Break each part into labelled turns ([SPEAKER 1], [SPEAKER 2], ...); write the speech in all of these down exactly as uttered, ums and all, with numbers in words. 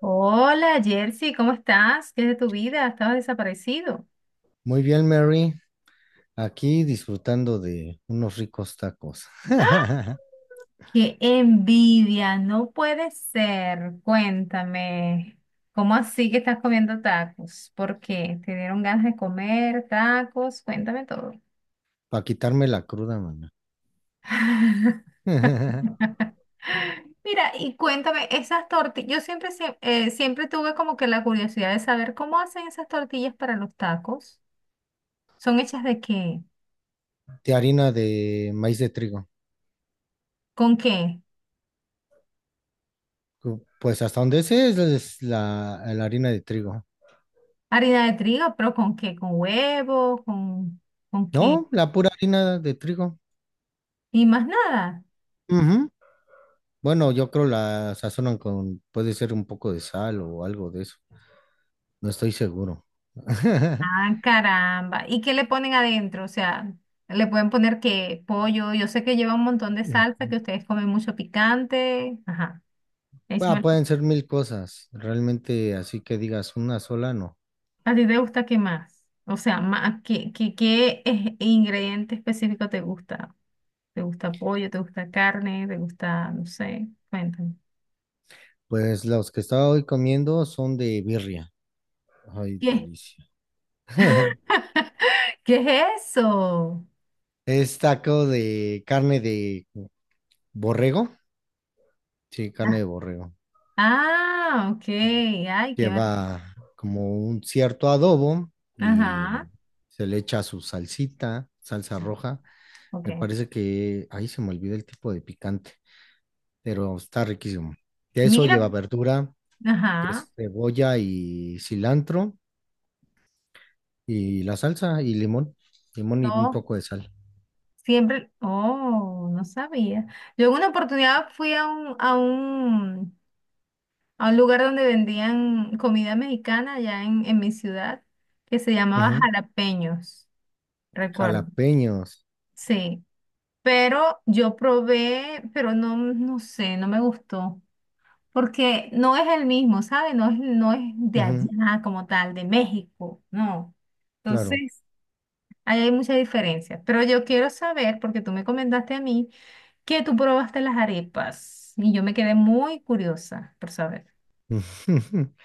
[SPEAKER 1] Hola, Jersey, ¿cómo estás? ¿Qué es de tu vida? Estabas desaparecido.
[SPEAKER 2] Muy bien, Mary. Aquí disfrutando de unos ricos tacos.
[SPEAKER 1] ¡Ah! ¡Qué envidia! No puede ser. Cuéntame, ¿cómo así que estás comiendo tacos? ¿Por qué? ¿Te dieron ganas de comer tacos? Cuéntame todo.
[SPEAKER 2] Para quitarme la cruda, maná.
[SPEAKER 1] Mira, y cuéntame, esas tortillas, yo siempre, sie- eh, siempre tuve como que la curiosidad de saber cómo hacen esas tortillas para los tacos. ¿Son hechas de qué?
[SPEAKER 2] De harina de maíz de trigo.
[SPEAKER 1] ¿Con qué?
[SPEAKER 2] Cu- Pues hasta donde sé es es la, la harina de trigo.
[SPEAKER 1] Harina de trigo, pero ¿con qué? ¿Con huevo? ¿Con, con qué?
[SPEAKER 2] No, la pura harina de trigo.
[SPEAKER 1] Y más nada.
[SPEAKER 2] Ujú. Bueno, yo creo la sazonan con, puede ser un poco de sal o algo de eso. No estoy seguro.
[SPEAKER 1] Ah, caramba. ¿Y qué le ponen adentro? O sea, le pueden poner que pollo. Yo sé que lleva un montón de salsa, que ustedes comen mucho picante. Ajá. Échame-
[SPEAKER 2] Ah,
[SPEAKER 1] el-
[SPEAKER 2] pueden ser mil cosas. Realmente, así que digas una sola, no.
[SPEAKER 1] ¿A ti te gusta qué más? O sea, ma- ¿qué, qué, qué es- ingrediente específico te gusta? ¿Te gusta pollo? ¿Te gusta carne? ¿Te gusta, no sé? Cuéntame.
[SPEAKER 2] Pues los que estaba hoy comiendo son de birria. Ay,
[SPEAKER 1] ¿Qué?
[SPEAKER 2] delicia.
[SPEAKER 1] ¿Qué es eso?
[SPEAKER 2] Es taco de carne de borrego. Sí, carne
[SPEAKER 1] Ah,
[SPEAKER 2] de borrego.
[SPEAKER 1] ah, ok. Ay, qué... mar-
[SPEAKER 2] Lleva como un cierto adobo y
[SPEAKER 1] Ajá.
[SPEAKER 2] se le echa su salsita, salsa roja. Me
[SPEAKER 1] Ok.
[SPEAKER 2] parece que ahí se me olvidó el tipo de picante, pero está riquísimo. De eso
[SPEAKER 1] Mira,
[SPEAKER 2] lleva verdura, que
[SPEAKER 1] ajá.
[SPEAKER 2] es cebolla y cilantro y la salsa y limón, limón y un
[SPEAKER 1] No,
[SPEAKER 2] poco de sal.
[SPEAKER 1] siempre, oh, no sabía. Yo en una oportunidad fui a un, a un, a un lugar donde vendían comida mexicana allá en, en mi ciudad, que se llamaba
[SPEAKER 2] Ujú.
[SPEAKER 1] Jalapeños, recuerdo.
[SPEAKER 2] Jalapeños.
[SPEAKER 1] Sí, pero yo probé, pero no, no sé, no me gustó, porque no es el mismo, ¿sabes? No es, no es de
[SPEAKER 2] Ujú,
[SPEAKER 1] allá como tal, de México, no.
[SPEAKER 2] claro.
[SPEAKER 1] Entonces, ahí hay muchas diferencias, pero yo quiero saber, porque tú me comentaste a mí, que tú probaste las arepas y yo me quedé muy curiosa por saber.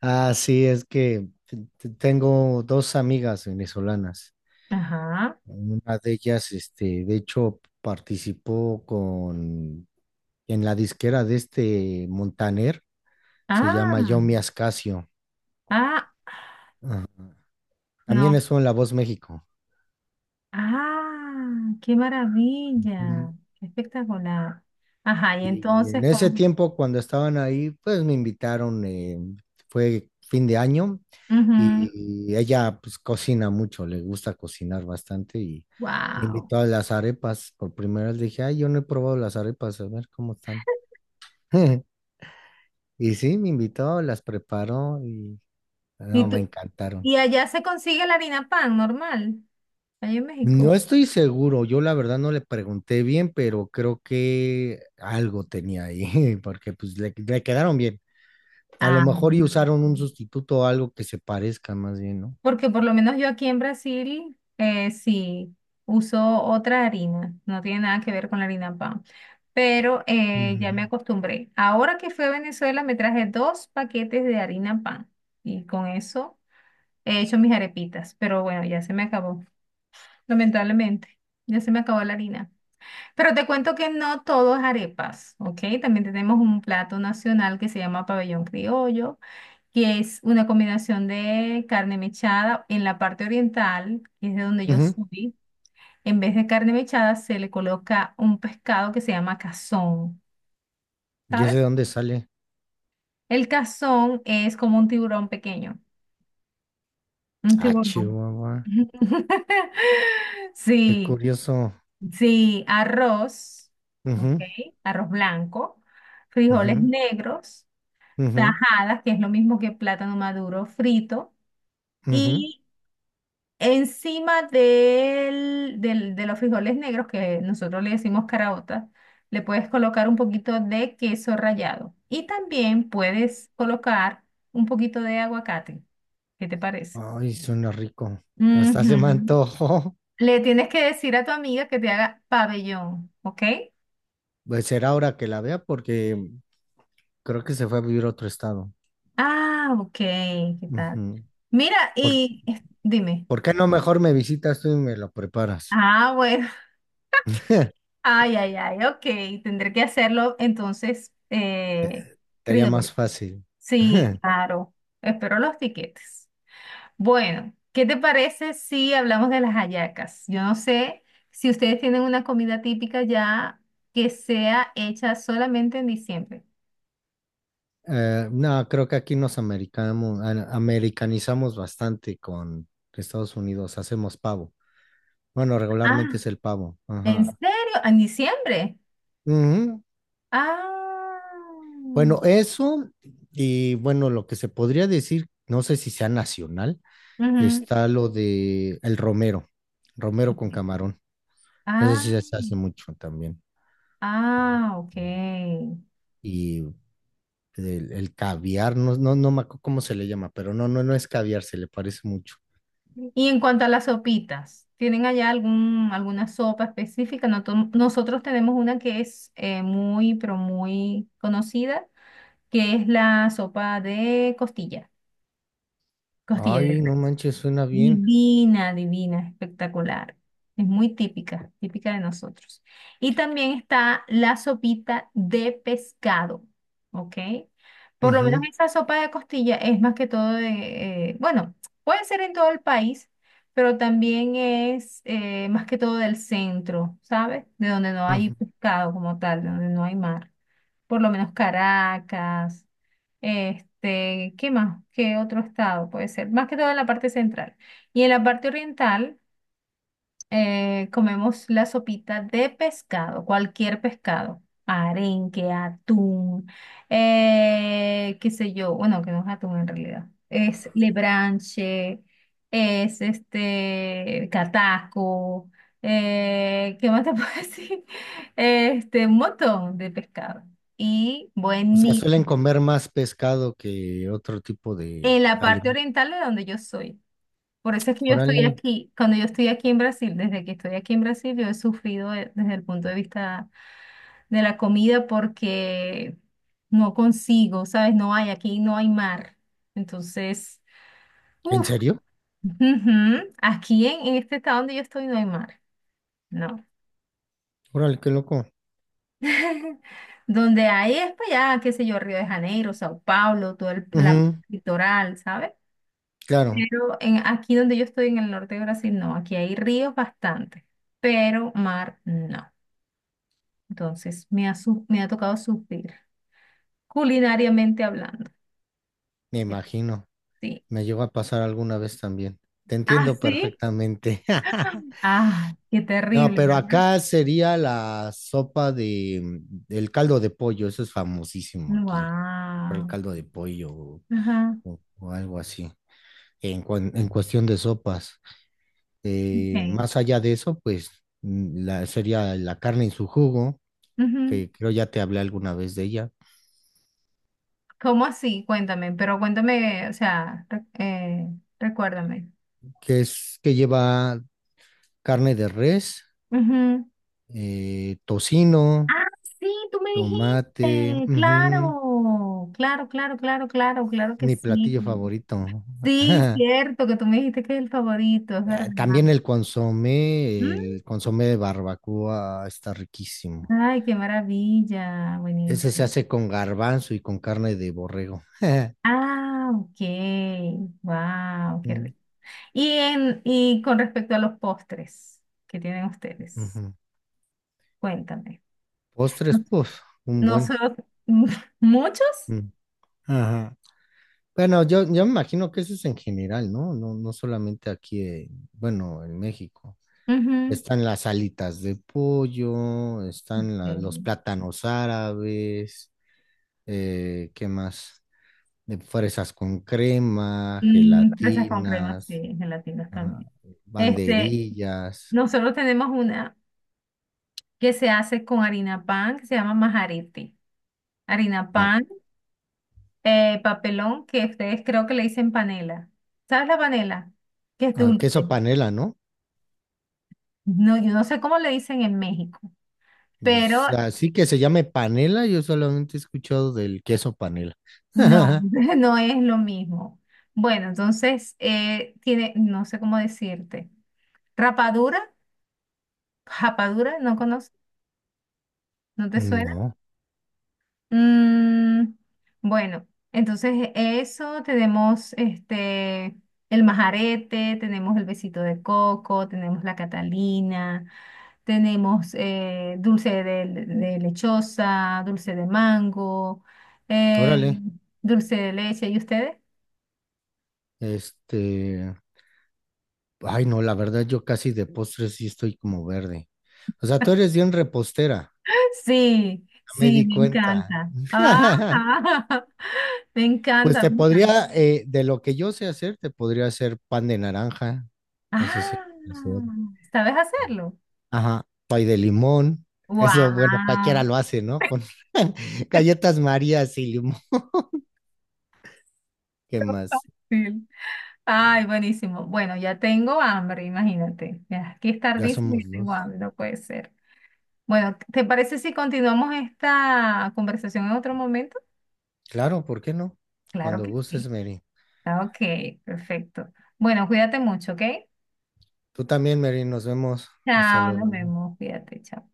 [SPEAKER 2] Ah, sí, es que t- tengo dos amigas venezolanas.
[SPEAKER 1] Ajá.
[SPEAKER 2] Una de ellas, este, de hecho, participó con en la disquera de este Montaner, se llama Yomi
[SPEAKER 1] Ah,
[SPEAKER 2] Ascasio.
[SPEAKER 1] ah,
[SPEAKER 2] Ajá. También
[SPEAKER 1] no.
[SPEAKER 2] estuvo en La Voz México.
[SPEAKER 1] Ah, qué maravilla. Qué espectacular. Ajá, y
[SPEAKER 2] Y
[SPEAKER 1] entonces,
[SPEAKER 2] en ese
[SPEAKER 1] como.
[SPEAKER 2] tiempo, cuando estaban ahí, pues me invitaron, eh, fue fin de año y ella pues cocina mucho, le gusta cocinar bastante y me
[SPEAKER 1] Wow.
[SPEAKER 2] invitó a las arepas. Por primera vez le dije, ay, yo no he probado las arepas, a ver cómo están. Y sí, me invitó, las preparó y no,
[SPEAKER 1] ¿Y
[SPEAKER 2] me
[SPEAKER 1] tú?
[SPEAKER 2] encantaron.
[SPEAKER 1] ¿Y allá se consigue la harina pan normal? Allá en
[SPEAKER 2] No
[SPEAKER 1] México.
[SPEAKER 2] estoy seguro, yo la verdad no le pregunté bien, pero creo que algo tenía ahí, porque pues le, le quedaron bien. A lo
[SPEAKER 1] Ah.
[SPEAKER 2] mejor y usaron un sustituto o algo que se parezca más bien, ¿no?
[SPEAKER 1] Porque por lo menos yo aquí en Brasil eh, sí uso otra harina, no tiene nada que ver con la harina pan, pero eh, ya me
[SPEAKER 2] Ujú.
[SPEAKER 1] acostumbré. Ahora que fui a Venezuela me traje dos paquetes de harina pan y con eso he hecho mis arepitas, pero bueno, ya se me acabó, lamentablemente, ya se me acabó la harina. Pero te cuento que no todo es arepas, ¿ok? También tenemos un plato nacional que se llama pabellón criollo, que es una combinación de carne mechada en la parte oriental, que es de donde yo
[SPEAKER 2] Ujú.
[SPEAKER 1] soy. En vez de carne mechada se le coloca un pescado que se llama cazón,
[SPEAKER 2] ¿Y ese de
[SPEAKER 1] ¿sabes?
[SPEAKER 2] dónde sale?
[SPEAKER 1] El cazón es como un tiburón pequeño, un
[SPEAKER 2] Ah,
[SPEAKER 1] tiburón.
[SPEAKER 2] Chihuahua. Qué
[SPEAKER 1] Sí,
[SPEAKER 2] curioso.
[SPEAKER 1] sí, arroz, ok,
[SPEAKER 2] Ujú,
[SPEAKER 1] arroz blanco, frijoles
[SPEAKER 2] ujú,
[SPEAKER 1] negros,
[SPEAKER 2] ujú,
[SPEAKER 1] tajadas, que es lo mismo que plátano maduro frito,
[SPEAKER 2] ujú.
[SPEAKER 1] y encima del, del- de los frijoles negros, que nosotros le decimos caraotas, le puedes colocar un poquito de queso rallado. Y también puedes colocar un poquito de aguacate. ¿Qué te parece?
[SPEAKER 2] Ay, suena rico. Hasta se me
[SPEAKER 1] Ujú.
[SPEAKER 2] antojó.
[SPEAKER 1] Le tienes que decir a tu amiga que te haga pabellón, ¿ok?
[SPEAKER 2] Pues será ahora que la vea porque creo que se fue a vivir a otro estado.
[SPEAKER 1] Ah, ok, ¿qué tal?
[SPEAKER 2] Ujú.
[SPEAKER 1] Mira,
[SPEAKER 2] ¿Por,
[SPEAKER 1] y es- dime.
[SPEAKER 2] por qué no mejor me visitas tú y me lo preparas?
[SPEAKER 1] Ah, bueno. Ay, ay, ay, ok. Tendré que hacerlo entonces, eh,
[SPEAKER 2] Sería
[SPEAKER 1] criollo.
[SPEAKER 2] más fácil.
[SPEAKER 1] Sí, claro. Espero los tiquetes. Bueno, ¿qué te parece si hablamos de las hallacas? Yo no sé si ustedes tienen una comida típica ya que sea hecha solamente en diciembre.
[SPEAKER 2] Eh, no, creo que aquí nos americamos- an- americanizamos bastante con Estados Unidos, hacemos pavo. Bueno, regularmente
[SPEAKER 1] Ah,
[SPEAKER 2] es el pavo.
[SPEAKER 1] ¿en
[SPEAKER 2] Ajá.
[SPEAKER 1] serio? ¿En diciembre?
[SPEAKER 2] Ujú.
[SPEAKER 1] Ah.
[SPEAKER 2] Bueno, eso y bueno, lo que se podría decir, no sé si sea nacional,
[SPEAKER 1] Ujú.
[SPEAKER 2] está lo de el romero, romero con camarón. Eso sí
[SPEAKER 1] Ah,
[SPEAKER 2] se hace mucho también.
[SPEAKER 1] ah, ok.
[SPEAKER 2] Y el, el caviar, no, no, no me acuerdo cómo se le llama, pero no, no, no es caviar, se le parece mucho.
[SPEAKER 1] Y en cuanto a las sopitas, ¿tienen allá algún, alguna sopa específica? Noto- nosotros tenemos una que es eh, muy, pero muy conocida, que es la sopa de costilla, costilla
[SPEAKER 2] Ay,
[SPEAKER 1] verde.
[SPEAKER 2] no manches, suena bien.
[SPEAKER 1] Divina, divina, espectacular. Es muy típica, típica de nosotros. Y también está la sopita de pescado, ¿ok? Por lo menos
[SPEAKER 2] Ujú.
[SPEAKER 1] esa sopa de costilla es más que todo de, eh, bueno, puede ser en todo el país, pero también es eh, más que todo del centro, ¿sabes? De donde no hay
[SPEAKER 2] Ujú.
[SPEAKER 1] pescado como tal, de donde no hay mar, por lo menos Caracas, este, ¿qué más? ¿Qué otro estado puede ser? Más que todo en la parte central. Y en la parte oriental eh, comemos la sopita de pescado, cualquier pescado, arenque, atún, eh, qué sé yo, bueno, que no es atún en realidad, es lebranche, es este cataco, eh, ¿qué más te puedo decir? Este, un montón de pescado. Y
[SPEAKER 2] O sea, suelen
[SPEAKER 1] buenísimo.
[SPEAKER 2] comer más pescado que otro tipo de
[SPEAKER 1] En la parte
[SPEAKER 2] alimento.
[SPEAKER 1] oriental de donde yo soy. Por eso es que yo estoy
[SPEAKER 2] Órale,
[SPEAKER 1] aquí, cuando yo estoy aquí en Brasil, desde que estoy aquí en Brasil, yo he sufrido eh, desde el punto de vista de la comida porque no consigo, ¿sabes? No hay, aquí no hay mar. Entonces,
[SPEAKER 2] ¿en
[SPEAKER 1] uff,
[SPEAKER 2] serio?
[SPEAKER 1] aquí en, en, este estado donde yo estoy no hay mar, no.
[SPEAKER 2] Órale, qué loco.
[SPEAKER 1] Donde hay es para allá, qué sé yo, Río de Janeiro, Sao Paulo, todo el la
[SPEAKER 2] Ujú,
[SPEAKER 1] litoral, ¿sabes?
[SPEAKER 2] claro,
[SPEAKER 1] Pero en, aquí donde yo estoy en el norte de Brasil, no, aquí hay ríos bastante, pero mar no. Entonces, me ha, su- me ha tocado sufrir, culinariamente hablando.
[SPEAKER 2] me
[SPEAKER 1] Que
[SPEAKER 2] imagino.
[SPEAKER 1] sí.
[SPEAKER 2] Me llegó a pasar alguna vez también. Te
[SPEAKER 1] Ah,
[SPEAKER 2] entiendo
[SPEAKER 1] sí.
[SPEAKER 2] perfectamente.
[SPEAKER 1] Ah, qué
[SPEAKER 2] No,
[SPEAKER 1] terrible,
[SPEAKER 2] pero
[SPEAKER 1] ¿verdad?
[SPEAKER 2] acá sería la sopa de mm, el caldo de pollo. Eso es famosísimo aquí. Por el
[SPEAKER 1] Wow.
[SPEAKER 2] caldo de pollo o,
[SPEAKER 1] Ajá.
[SPEAKER 2] o algo así. En, cuan- en cuestión de sopas. Eh,
[SPEAKER 1] Okay.
[SPEAKER 2] más allá de eso, pues mm, la, sería la carne en su jugo,
[SPEAKER 1] Ujú.
[SPEAKER 2] que creo ya te hablé alguna vez de ella,
[SPEAKER 1] ¿Cómo así? Cuéntame, pero cuéntame, o sea, re- eh, recuérdame.
[SPEAKER 2] que es que lleva carne de res,
[SPEAKER 1] Ujú.
[SPEAKER 2] eh, tocino,
[SPEAKER 1] Ah, sí, tú me
[SPEAKER 2] tomate.
[SPEAKER 1] dijiste.
[SPEAKER 2] Ujú,
[SPEAKER 1] Claro, claro, claro, claro, claro, claro que
[SPEAKER 2] mi
[SPEAKER 1] sí.
[SPEAKER 2] platillo favorito.
[SPEAKER 1] Sí, cierto, que tú me dijiste que es el favorito, es verdad.
[SPEAKER 2] Ah, también el consomé, el consomé de barbacoa está riquísimo.
[SPEAKER 1] Ay, qué maravilla,
[SPEAKER 2] Ese se
[SPEAKER 1] buenísimo.
[SPEAKER 2] hace con garbanzo y con carne de borrego.
[SPEAKER 1] Ah, ok, wow, qué
[SPEAKER 2] Mm,
[SPEAKER 1] rico. Y, en, y con respecto a los postres que tienen ustedes,
[SPEAKER 2] ujú.
[SPEAKER 1] cuéntame.
[SPEAKER 2] Postres, pues, un buen.
[SPEAKER 1] Nosotros, ¿muchos?
[SPEAKER 2] Mm. Ajá. Bueno, yo, yo me imagino que eso es en general, ¿no? No, no solamente aquí, en- bueno, en México.
[SPEAKER 1] Ujú.
[SPEAKER 2] Están las alitas de pollo, están la- los
[SPEAKER 1] Mm,
[SPEAKER 2] plátanos árabes, eh, ¿qué más? De fresas con crema,
[SPEAKER 1] mm, fresas con crema,
[SPEAKER 2] gelatinas,
[SPEAKER 1] sí, gelatinas
[SPEAKER 2] ajá,
[SPEAKER 1] también. Este,
[SPEAKER 2] banderillas,
[SPEAKER 1] Nosotros tenemos una que se hace con harina pan, que se llama majarete. Harina
[SPEAKER 2] la-
[SPEAKER 1] pan. eh, Papelón, que ustedes creo que le dicen panela. ¿Sabes la panela? Que es
[SPEAKER 2] ah,
[SPEAKER 1] dulce.
[SPEAKER 2] queso panela, ¿no?
[SPEAKER 1] No, yo no sé cómo le dicen en México, pero
[SPEAKER 2] Pues, así que se llame panela, yo solamente he escuchado del queso panela.
[SPEAKER 1] no, no es lo mismo. Bueno, entonces eh, tiene, no sé cómo decirte. Rapadura, japadura, ¿no conoces? ¿No te suena?
[SPEAKER 2] No,
[SPEAKER 1] Mm, bueno, entonces eso tenemos, este el majarete, tenemos el besito de coco, tenemos la Catalina. Tenemos eh, dulce de, de lechosa, dulce de mango, eh,
[SPEAKER 2] órale,
[SPEAKER 1] dulce de leche. ¿Y ustedes?
[SPEAKER 2] este. Ay, no, la verdad, yo casi de postres sí estoy como verde. O sea, tú eres bien repostera,
[SPEAKER 1] Sí,
[SPEAKER 2] ya me
[SPEAKER 1] sí,
[SPEAKER 2] di
[SPEAKER 1] me
[SPEAKER 2] cuenta.
[SPEAKER 1] encanta. Ajá. Me
[SPEAKER 2] Pues
[SPEAKER 1] encanta,
[SPEAKER 2] te
[SPEAKER 1] me encanta.
[SPEAKER 2] podría, eh, de lo que yo sé hacer, te podría hacer pan de naranja, ese sí. Sé
[SPEAKER 1] Ah,
[SPEAKER 2] hacer.
[SPEAKER 1] ¿sabes hacerlo?
[SPEAKER 2] Ajá, pay de limón, eso, bueno,
[SPEAKER 1] ¡Wow!
[SPEAKER 2] cualquiera lo hace, ¿no? Con galletas Marías y limón. ¿Qué más?
[SPEAKER 1] Fácil. Ay, buenísimo. Bueno, ya tengo hambre, imagínate. Ya, aquí es
[SPEAKER 2] Ya
[SPEAKER 1] tardísimo y
[SPEAKER 2] somos
[SPEAKER 1] ya tengo
[SPEAKER 2] dos.
[SPEAKER 1] hambre, no puede ser. Bueno, ¿te parece si continuamos esta conversación en otro momento?
[SPEAKER 2] Claro, ¿por qué no?
[SPEAKER 1] Claro
[SPEAKER 2] Cuando
[SPEAKER 1] que
[SPEAKER 2] gustes,
[SPEAKER 1] sí.
[SPEAKER 2] Mary.
[SPEAKER 1] Ah, ok, perfecto. Bueno, cuídate mucho, ¿ok?
[SPEAKER 2] Tú también, Mary, nos vemos. Hasta
[SPEAKER 1] Chao, nos
[SPEAKER 2] luego.
[SPEAKER 1] vemos, cuídate, chao.